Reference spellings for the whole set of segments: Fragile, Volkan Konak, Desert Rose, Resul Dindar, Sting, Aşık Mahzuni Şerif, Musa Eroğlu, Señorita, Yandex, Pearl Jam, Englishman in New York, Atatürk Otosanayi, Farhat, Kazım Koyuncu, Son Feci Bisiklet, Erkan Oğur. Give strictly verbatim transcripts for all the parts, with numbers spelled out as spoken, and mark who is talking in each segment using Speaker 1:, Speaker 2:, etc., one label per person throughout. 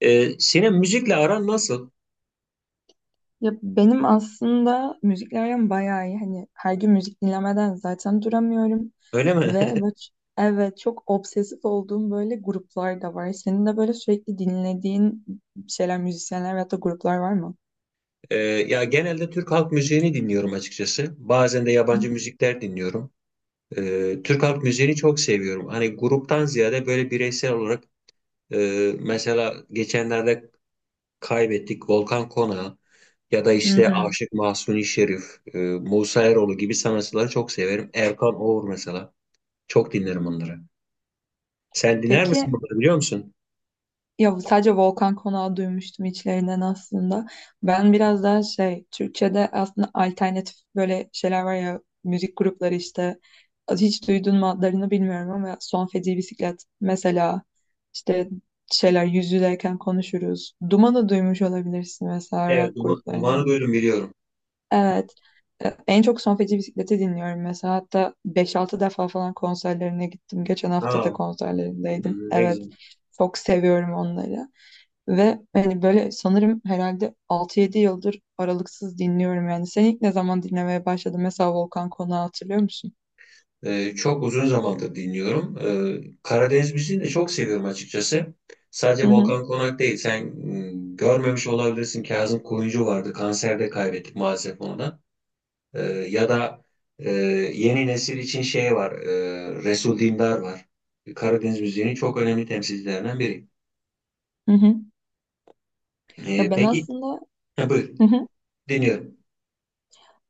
Speaker 1: Ee, Sinem müzikle aran nasıl?
Speaker 2: Ya benim aslında müzikle aram bayağı iyi. Hani her gün müzik dinlemeden zaten duramıyorum.
Speaker 1: Öyle mi?
Speaker 2: Ve bu, evet çok obsesif olduğum böyle gruplar da var. Senin de böyle sürekli dinlediğin şeyler, müzisyenler veyahut da gruplar var mı?
Speaker 1: Ee, ya genelde Türk halk müziğini dinliyorum açıkçası. Bazen de
Speaker 2: Hı
Speaker 1: yabancı
Speaker 2: hı.
Speaker 1: müzikler dinliyorum. Ee, Türk halk müziğini çok seviyorum. Hani gruptan ziyade böyle bireysel olarak e, mesela geçenlerde kaybettik Volkan Kona ya da
Speaker 2: Hı
Speaker 1: işte
Speaker 2: hı.
Speaker 1: Aşık Mahzuni Şerif, e, Musa Eroğlu gibi sanatçıları çok severim. Erkan Oğur mesela. Çok dinlerim onları. Sen dinler
Speaker 2: Peki,
Speaker 1: misin bunları biliyor musun?
Speaker 2: ya bu sadece Volkan Konak'ı duymuştum içlerinden aslında. Ben biraz daha şey, Türkçe'de aslında alternatif böyle şeyler var ya, müzik grupları işte. Hiç duydun mu adlarını bilmiyorum ama Son Feci Bisiklet mesela işte şeyler yüz yüzeyken konuşuruz. Duman'ı duymuş olabilirsin mesela
Speaker 1: Evet,
Speaker 2: rock
Speaker 1: Duma- Duman'ı
Speaker 2: gruplarından.
Speaker 1: duydum biliyorum.
Speaker 2: Evet. E, En çok Son Feci Bisiklet'i dinliyorum mesela. Hatta beş altı defa falan konserlerine gittim. Geçen hafta da
Speaker 1: Ha, hı,
Speaker 2: konserlerindeydim.
Speaker 1: ne
Speaker 2: Evet.
Speaker 1: güzel.
Speaker 2: Çok seviyorum onları. Ve hani böyle sanırım herhalde altı yedi yıldır aralıksız dinliyorum yani. Sen ilk ne zaman dinlemeye başladın? Mesela Volkan Konak'ı hatırlıyor musun?
Speaker 1: Ee, çok uzun zamandır dinliyorum. Ee, Karadeniz müziğini de çok seviyorum açıkçası.
Speaker 2: Hı
Speaker 1: Sadece
Speaker 2: hı,
Speaker 1: Volkan Konak değil. Sen mm, görmemiş olabilirsin. Kazım Koyuncu vardı. Kanserde kaybettik maalesef onu da. Ee, ya da e, yeni nesil için şey var. e, Resul Dindar var. Karadeniz müziğinin çok önemli temsilcilerinden biri.
Speaker 2: hı hı. Ya
Speaker 1: Ee,
Speaker 2: ben
Speaker 1: peki,
Speaker 2: aslında
Speaker 1: ha, buyur.
Speaker 2: hı hı.
Speaker 1: Dinliyorum.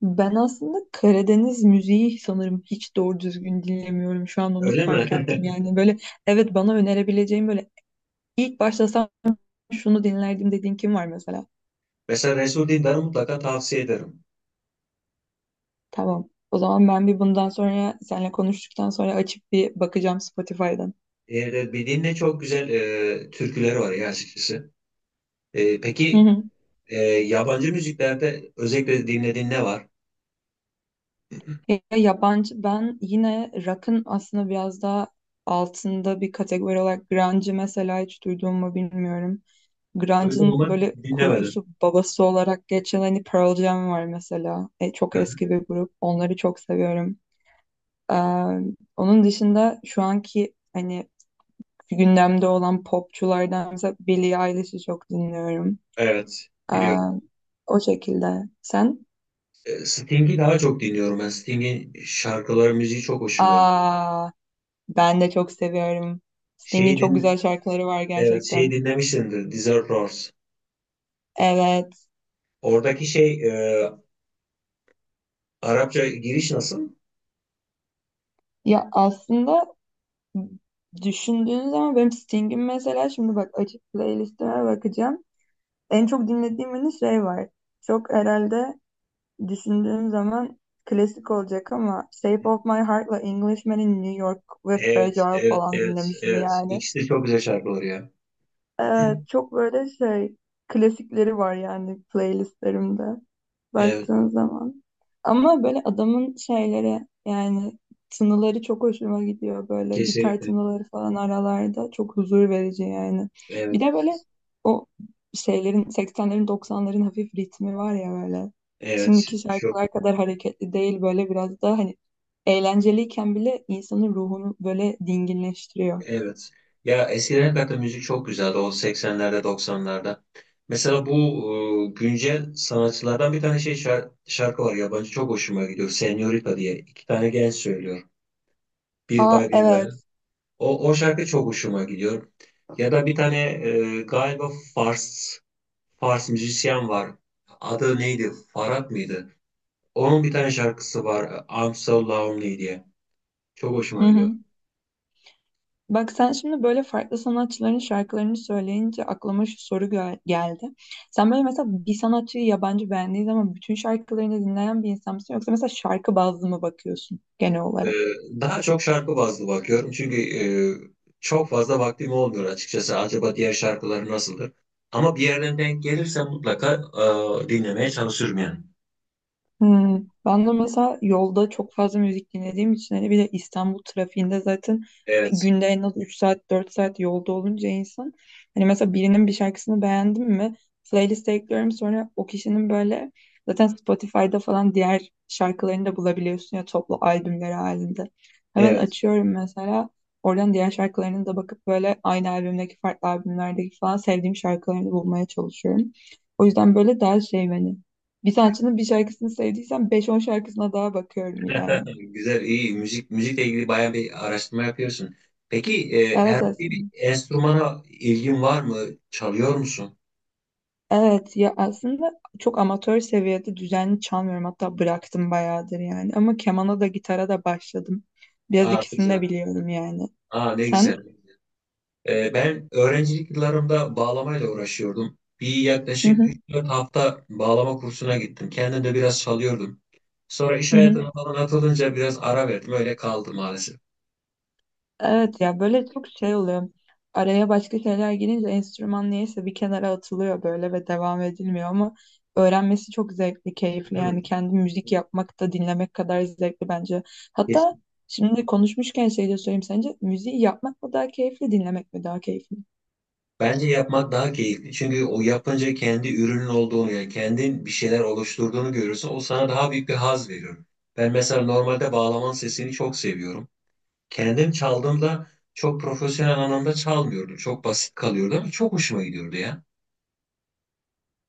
Speaker 2: Ben aslında Karadeniz müziği sanırım hiç doğru düzgün dinlemiyorum. Şu an onu
Speaker 1: Öyle mi?
Speaker 2: fark ettim. Yani böyle evet, bana önerebileceğim böyle ilk başlasam şunu dinlerdim dediğin kim var mesela?
Speaker 1: Mesela Resul Dindar'ı mutlaka tavsiye ederim.
Speaker 2: Tamam. O zaman ben bir bundan sonra seninle konuştuktan sonra açıp bir bakacağım Spotify'dan.
Speaker 1: Ee, bir dinle çok güzel e, türküleri var ya açıkçası. Ee,
Speaker 2: Hı
Speaker 1: peki.
Speaker 2: hı.
Speaker 1: Ee, yabancı müziklerde özellikle dinlediğin ne var?
Speaker 2: Ya yabancı ben yine rock'ın aslında biraz daha altında bir kategori olarak grunge'ı mesela hiç duyduğumu bilmiyorum.
Speaker 1: Duydum
Speaker 2: Grunge'ın
Speaker 1: ama
Speaker 2: böyle
Speaker 1: dinlemedim.
Speaker 2: kurucusu babası olarak geçen hani Pearl Jam var mesela. E, çok
Speaker 1: Hı hı.
Speaker 2: eski bir grup. Onları çok seviyorum. Ee, onun dışında şu anki hani gündemde olan popçulardan mesela Billie Eilish'i çok dinliyorum.
Speaker 1: Evet,
Speaker 2: Ee,
Speaker 1: biliyorum.
Speaker 2: o şekilde. Sen?
Speaker 1: Ee, Sting'i daha çok dinliyorum ben. Sting'in şarkıları, müziği çok hoşuma gidiyor.
Speaker 2: Aa, ben de çok seviyorum. Sting'in
Speaker 1: Şeyi
Speaker 2: çok
Speaker 1: din,
Speaker 2: güzel şarkıları var
Speaker 1: evet, şeyi
Speaker 2: gerçekten.
Speaker 1: dinlemişsindir, Desert Rose.
Speaker 2: Evet.
Speaker 1: Oradaki şey, e, Arapça giriş nasıl?
Speaker 2: Ya aslında düşündüğün zaman benim Sting'in mesela şimdi bak açık playlistime bakacağım. En çok dinlediğim hani şey var. Çok herhalde düşündüğüm zaman klasik olacak ama Shape of My Heart'la Englishman'in New York ve
Speaker 1: Evet,
Speaker 2: Fragile
Speaker 1: evet,
Speaker 2: falan
Speaker 1: evet,
Speaker 2: dinlemişim
Speaker 1: evet.
Speaker 2: yani.
Speaker 1: İkisi de çok güzel şarkılar ya.
Speaker 2: Evet, çok böyle şey klasikleri var yani playlistlerimde
Speaker 1: Evet,
Speaker 2: baktığın zaman. Ama böyle adamın şeyleri yani tınıları çok hoşuma gidiyor böyle gitar
Speaker 1: kesinlikle.
Speaker 2: tınıları falan aralarda çok huzur verici yani.
Speaker 1: Evet,
Speaker 2: Bir de böyle o şeylerin seksenlerin doksanların hafif ritmi var ya böyle.
Speaker 1: evet.
Speaker 2: Şimdiki
Speaker 1: Çok
Speaker 2: şarkılar kadar hareketli değil böyle biraz daha hani eğlenceliyken bile insanın ruhunu böyle dinginleştiriyor.
Speaker 1: Evet. Ya eskiden hakikaten müzik çok güzeldi o seksenlerde doksanlarda. Mesela bu e, güncel sanatçılardan bir tane şey şar- şarkı var yabancı çok hoşuma gidiyor. Señorita diye iki tane genç söylüyor. Bir bay
Speaker 2: Aa
Speaker 1: bir bay.
Speaker 2: evet.
Speaker 1: O, o şarkı çok hoşuma gidiyor. Ya da bir tane e, galiba Fars Fars müzisyen var. Adı neydi? Farhat mıydı? Onun bir tane şarkısı var. I'm so lonely diye. Çok
Speaker 2: Hı
Speaker 1: hoşuma gidiyor.
Speaker 2: hı. Bak sen şimdi böyle farklı sanatçıların şarkılarını söyleyince aklıma şu soru gö- geldi. Sen böyle mesela bir sanatçıyı yabancı beğendiğin zaman bütün şarkılarını dinleyen bir insan mısın? Yoksa mesela şarkı bazlı mı bakıyorsun genel
Speaker 1: Ee,
Speaker 2: olarak?
Speaker 1: Daha çok şarkı bazlı bakıyorum çünkü e, çok fazla vaktim olmuyor açıkçası. Acaba diğer şarkıları nasıldır? Ama bir yerden denk gelirse mutlaka e, dinlemeye çalışırım yani.
Speaker 2: Hmm, ben de mesela yolda çok fazla müzik dinlediğim için hani bir de İstanbul trafiğinde zaten e,
Speaker 1: Evet,
Speaker 2: günde en az üç saat dört saat yolda olunca insan hani mesela birinin bir şarkısını beğendim mi playlist'e ekliyorum sonra o kişinin böyle zaten Spotify'da falan diğer şarkılarını da bulabiliyorsun ya toplu albümleri halinde. Hemen
Speaker 1: evet.
Speaker 2: açıyorum mesela oradan diğer şarkılarını da bakıp böyle aynı albümdeki farklı albümlerdeki falan sevdiğim şarkılarını bulmaya çalışıyorum. O yüzden böyle daha şey hani bir sanatçının bir şarkısını sevdiysem beş on şarkısına daha bakıyorum yani.
Speaker 1: Güzel, iyi. Müzik, müzikle ilgili bayağı bir araştırma yapıyorsun. Peki e,
Speaker 2: Evet
Speaker 1: herhangi bir
Speaker 2: aslında.
Speaker 1: enstrümana ilgin var mı? Çalıyor musun?
Speaker 2: Evet ya aslında çok amatör seviyede düzenli çalmıyorum. Hatta bıraktım bayağıdır yani. Ama kemana da gitara da başladım. Biraz
Speaker 1: Aa,
Speaker 2: ikisini de
Speaker 1: güzel.
Speaker 2: biliyorum yani.
Speaker 1: Aa, ne güzel.
Speaker 2: Sen?
Speaker 1: Ee, ben öğrencilik yıllarımda bağlamayla uğraşıyordum. Bir
Speaker 2: Hı
Speaker 1: yaklaşık
Speaker 2: hı.
Speaker 1: üç dört hafta bağlama kursuna gittim. Kendim de biraz çalıyordum. Sonra iş
Speaker 2: Hı hı.
Speaker 1: hayatına falan atılınca biraz ara verdim. Öyle kaldı maalesef.
Speaker 2: Evet ya böyle çok şey oluyor. Araya başka şeyler girince enstrüman niyeyse bir kenara atılıyor böyle ve devam edilmiyor ama öğrenmesi çok zevkli, keyifli.
Speaker 1: Değil mi?
Speaker 2: Yani kendi müzik yapmak da dinlemek kadar zevkli bence. Hatta
Speaker 1: Kesin.
Speaker 2: şimdi konuşmuşken şey de söyleyeyim sence müziği yapmak mı daha keyifli, dinlemek mi daha keyifli?
Speaker 1: Bence yapmak daha keyifli. Çünkü o yapınca kendi ürünün olduğunu, yani kendin bir şeyler oluşturduğunu görürsün. O sana daha büyük bir haz veriyor. Ben mesela normalde bağlamanın sesini çok seviyorum. Kendim çaldığımda çok profesyonel anlamda çalmıyordum. Çok basit kalıyordu ama çok hoşuma gidiyordu ya.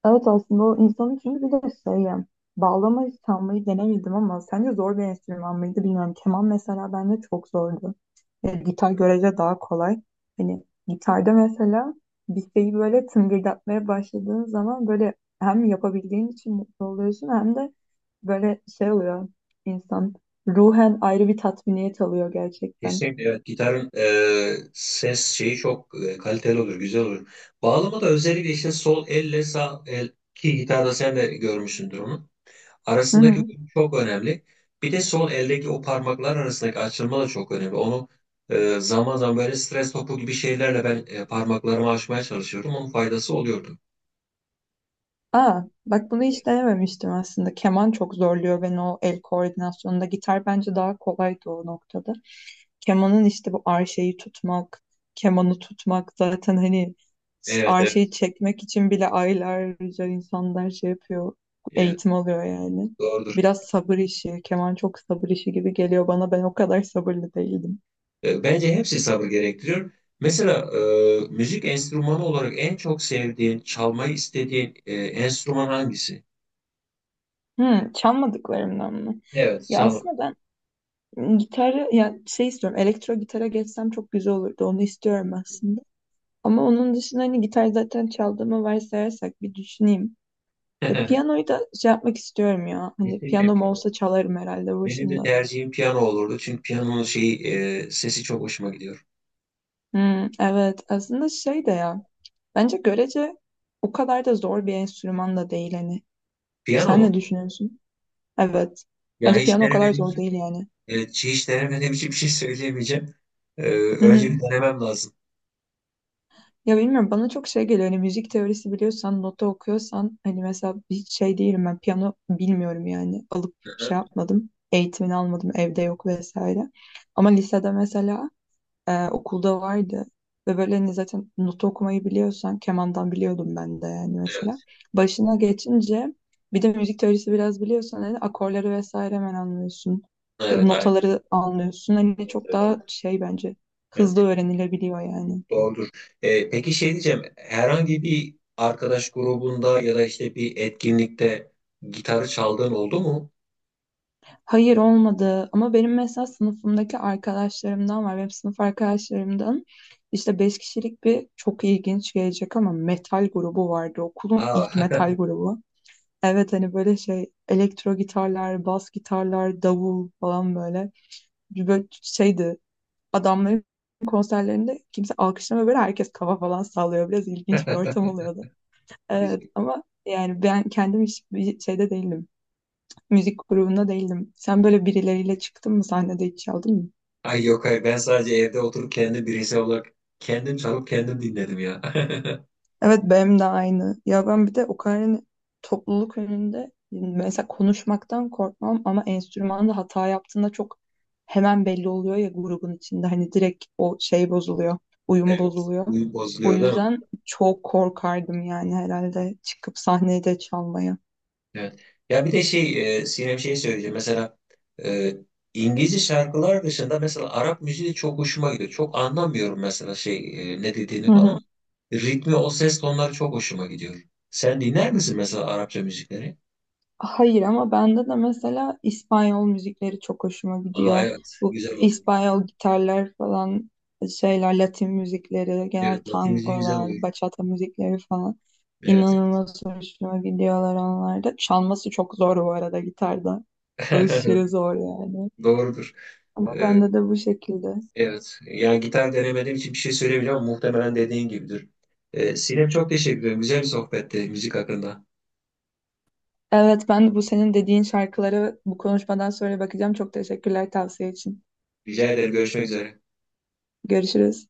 Speaker 2: Evet aslında o insanın çünkü bir de şey ya, bağlamayı çalmayı denemedim ama sence zor bir enstrüman mıydı bilmiyorum. Keman mesela bende çok zordu. E, gitar görece daha kolay. Hani gitarda mesela bir şeyi böyle tıngırdatmaya başladığın zaman böyle hem yapabildiğin için mutlu oluyorsun hem de böyle şey oluyor insan ruhen ayrı bir tatminiyet alıyor gerçekten.
Speaker 1: Kesinlikle, evet, gitarın e, ses şeyi çok e, kaliteli olur, güzel olur. Bağlama da özellikle işte sol elle sağ el ki gitarda sen de görmüşsündür onu. Arasındaki uyum çok önemli. Bir de sol eldeki o parmaklar arasındaki açılma da çok önemli. Onu e, zaman zaman böyle stres topu gibi şeylerle ben e, parmaklarımı açmaya çalışıyordum. Onun faydası oluyordu.
Speaker 2: Aa, bak bunu hiç denememiştim aslında. Keman çok zorluyor beni o el koordinasyonunda. Gitar bence daha kolaydı o noktada. Kemanın işte bu arşeyi tutmak, kemanı tutmak zaten hani s-
Speaker 1: Evet,
Speaker 2: arşeyi
Speaker 1: evet,
Speaker 2: çekmek için bile aylarca insanlar şey yapıyor,
Speaker 1: evet,
Speaker 2: eğitim alıyor yani.
Speaker 1: doğrudur.
Speaker 2: Biraz sabır işi, keman çok sabır işi gibi geliyor bana. Ben o kadar sabırlı değildim.
Speaker 1: E, Bence hepsi sabır gerektiriyor. Mesela e, müzik enstrümanı olarak en çok sevdiğin, çalmayı istediğin e, enstrüman hangisi?
Speaker 2: Hmm, çalmadıklarımdan mı?
Speaker 1: Evet,
Speaker 2: Ya
Speaker 1: çalmak.
Speaker 2: aslında ben gitarı yani şey istiyorum elektro gitara geçsem çok güzel olurdu onu istiyorum aslında. Ama onun dışında hani gitar zaten çaldığımı varsayarsak bir düşüneyim. E, piyanoyu da şey yapmak istiyorum ya hani
Speaker 1: Kesinlikle
Speaker 2: piyanom
Speaker 1: piyano.
Speaker 2: olsa çalarım herhalde
Speaker 1: Benim de
Speaker 2: başında.
Speaker 1: tercihim piyano olurdu. Çünkü piyanonun şeyi, e, sesi çok hoşuma gidiyor.
Speaker 2: Hmm, evet aslında şey de ya bence görece o kadar da zor bir enstrüman da değil hani.
Speaker 1: Piyano
Speaker 2: Sen
Speaker 1: mu?
Speaker 2: ne düşünüyorsun? Evet
Speaker 1: Ya
Speaker 2: bence
Speaker 1: hiç
Speaker 2: piyano o kadar
Speaker 1: denemediğim
Speaker 2: zor
Speaker 1: için,
Speaker 2: değil yani.
Speaker 1: evet, hiç denemediğim için bir şey söyleyemeyeceğim. E, önce bir denemem lazım.
Speaker 2: Ya bilmiyorum bana çok şey geliyor. Hani müzik teorisi biliyorsan, nota okuyorsan hani mesela hiç şey değilim ben piyano bilmiyorum yani. Alıp
Speaker 1: Hı hı.
Speaker 2: şey yapmadım. Eğitimini almadım. Evde yok vesaire. Ama lisede mesela e, okulda vardı. Ve böyle hani zaten nota okumayı biliyorsan kemandan biliyordum ben de yani mesela.
Speaker 1: Evet,
Speaker 2: Başına geçince bir de müzik teorisi biraz biliyorsan hani akorları vesaire hemen anlıyorsun.
Speaker 1: evet, aynen.
Speaker 2: Notaları anlıyorsun. Hani
Speaker 1: Evet,
Speaker 2: çok
Speaker 1: evet,
Speaker 2: daha şey bence hızlı
Speaker 1: evet.
Speaker 2: öğrenilebiliyor yani.
Speaker 1: Doğrudur. Ee, peki, şey diyeceğim, herhangi bir arkadaş grubunda ya da işte bir etkinlikte gitarı çaldığın oldu mu?
Speaker 2: Hayır olmadı ama benim mesela sınıfımdaki arkadaşlarımdan var. Benim sınıf arkadaşlarımdan işte beş kişilik bir çok ilginç gelecek ama metal grubu vardı. Okulun ilk
Speaker 1: Aa,
Speaker 2: metal grubu. Evet hani böyle şey elektro gitarlar, bas gitarlar, davul falan böyle. Bir böyle şeydi adamların konserlerinde kimse alkışlamıyor böyle herkes kafa falan sallıyor. Biraz ilginç bir ortam oluyordu. Evet
Speaker 1: diyecek.
Speaker 2: ama yani ben kendim hiç bir şeyde değilim müzik grubunda değildim. Sen böyle birileriyle çıktın mı sahnede hiç çaldın mı?
Speaker 1: Ay yok hayır ben sadece evde oturup kendi bireysel olarak kendim çalıp kendim dinledim ya.
Speaker 2: Evet benim de aynı. Ya ben bir de o kadar hani topluluk önünde mesela konuşmaktan korkmam ama enstrümanda hata yaptığında çok hemen belli oluyor ya grubun içinde hani direkt o şey bozuluyor, uyum
Speaker 1: Evet,
Speaker 2: bozuluyor.
Speaker 1: bu
Speaker 2: O
Speaker 1: bozuluyor değil mi?
Speaker 2: yüzden çok korkardım yani herhalde çıkıp sahnede çalmaya.
Speaker 1: Evet. Ya bir de şey, e, Sinem şey söyleyeceğim. Mesela e, İngilizce şarkılar dışında mesela Arap müziği de çok hoşuma gidiyor. Çok anlamıyorum mesela şey e, ne dediğini
Speaker 2: Hı hı.
Speaker 1: falan. Ritmi, o ses tonları çok hoşuma gidiyor. Sen dinler misin mesela Arapça müzikleri?
Speaker 2: Hayır ama bende de mesela İspanyol müzikleri çok hoşuma
Speaker 1: Aa
Speaker 2: gidiyor.
Speaker 1: evet,
Speaker 2: Bu
Speaker 1: güzel oluyor.
Speaker 2: İspanyol gitarlar falan şeyler, Latin müzikleri, genel
Speaker 1: Evet, Latin müziği güzel oluyor.
Speaker 2: tangolar, bachata müzikleri falan
Speaker 1: Evet, evet.
Speaker 2: inanılmaz hoşuma gidiyorlar onlar da. Çalması çok zor bu arada gitarda. Aşırı zor yani.
Speaker 1: Doğrudur.
Speaker 2: Ama
Speaker 1: Ee,
Speaker 2: bende de bu şekilde.
Speaker 1: evet, yani gitar denemediğim için bir şey söyleyemeyeceğim ama muhtemelen dediğin gibidir. Ee, Sinem çok teşekkür ederim. Güzel bir sohbetti müzik hakkında.
Speaker 2: Evet ben de bu senin dediğin şarkılara bu konuşmadan sonra bakacağım. Çok teşekkürler tavsiye için.
Speaker 1: Rica ederim, görüşmek üzere.
Speaker 2: Görüşürüz.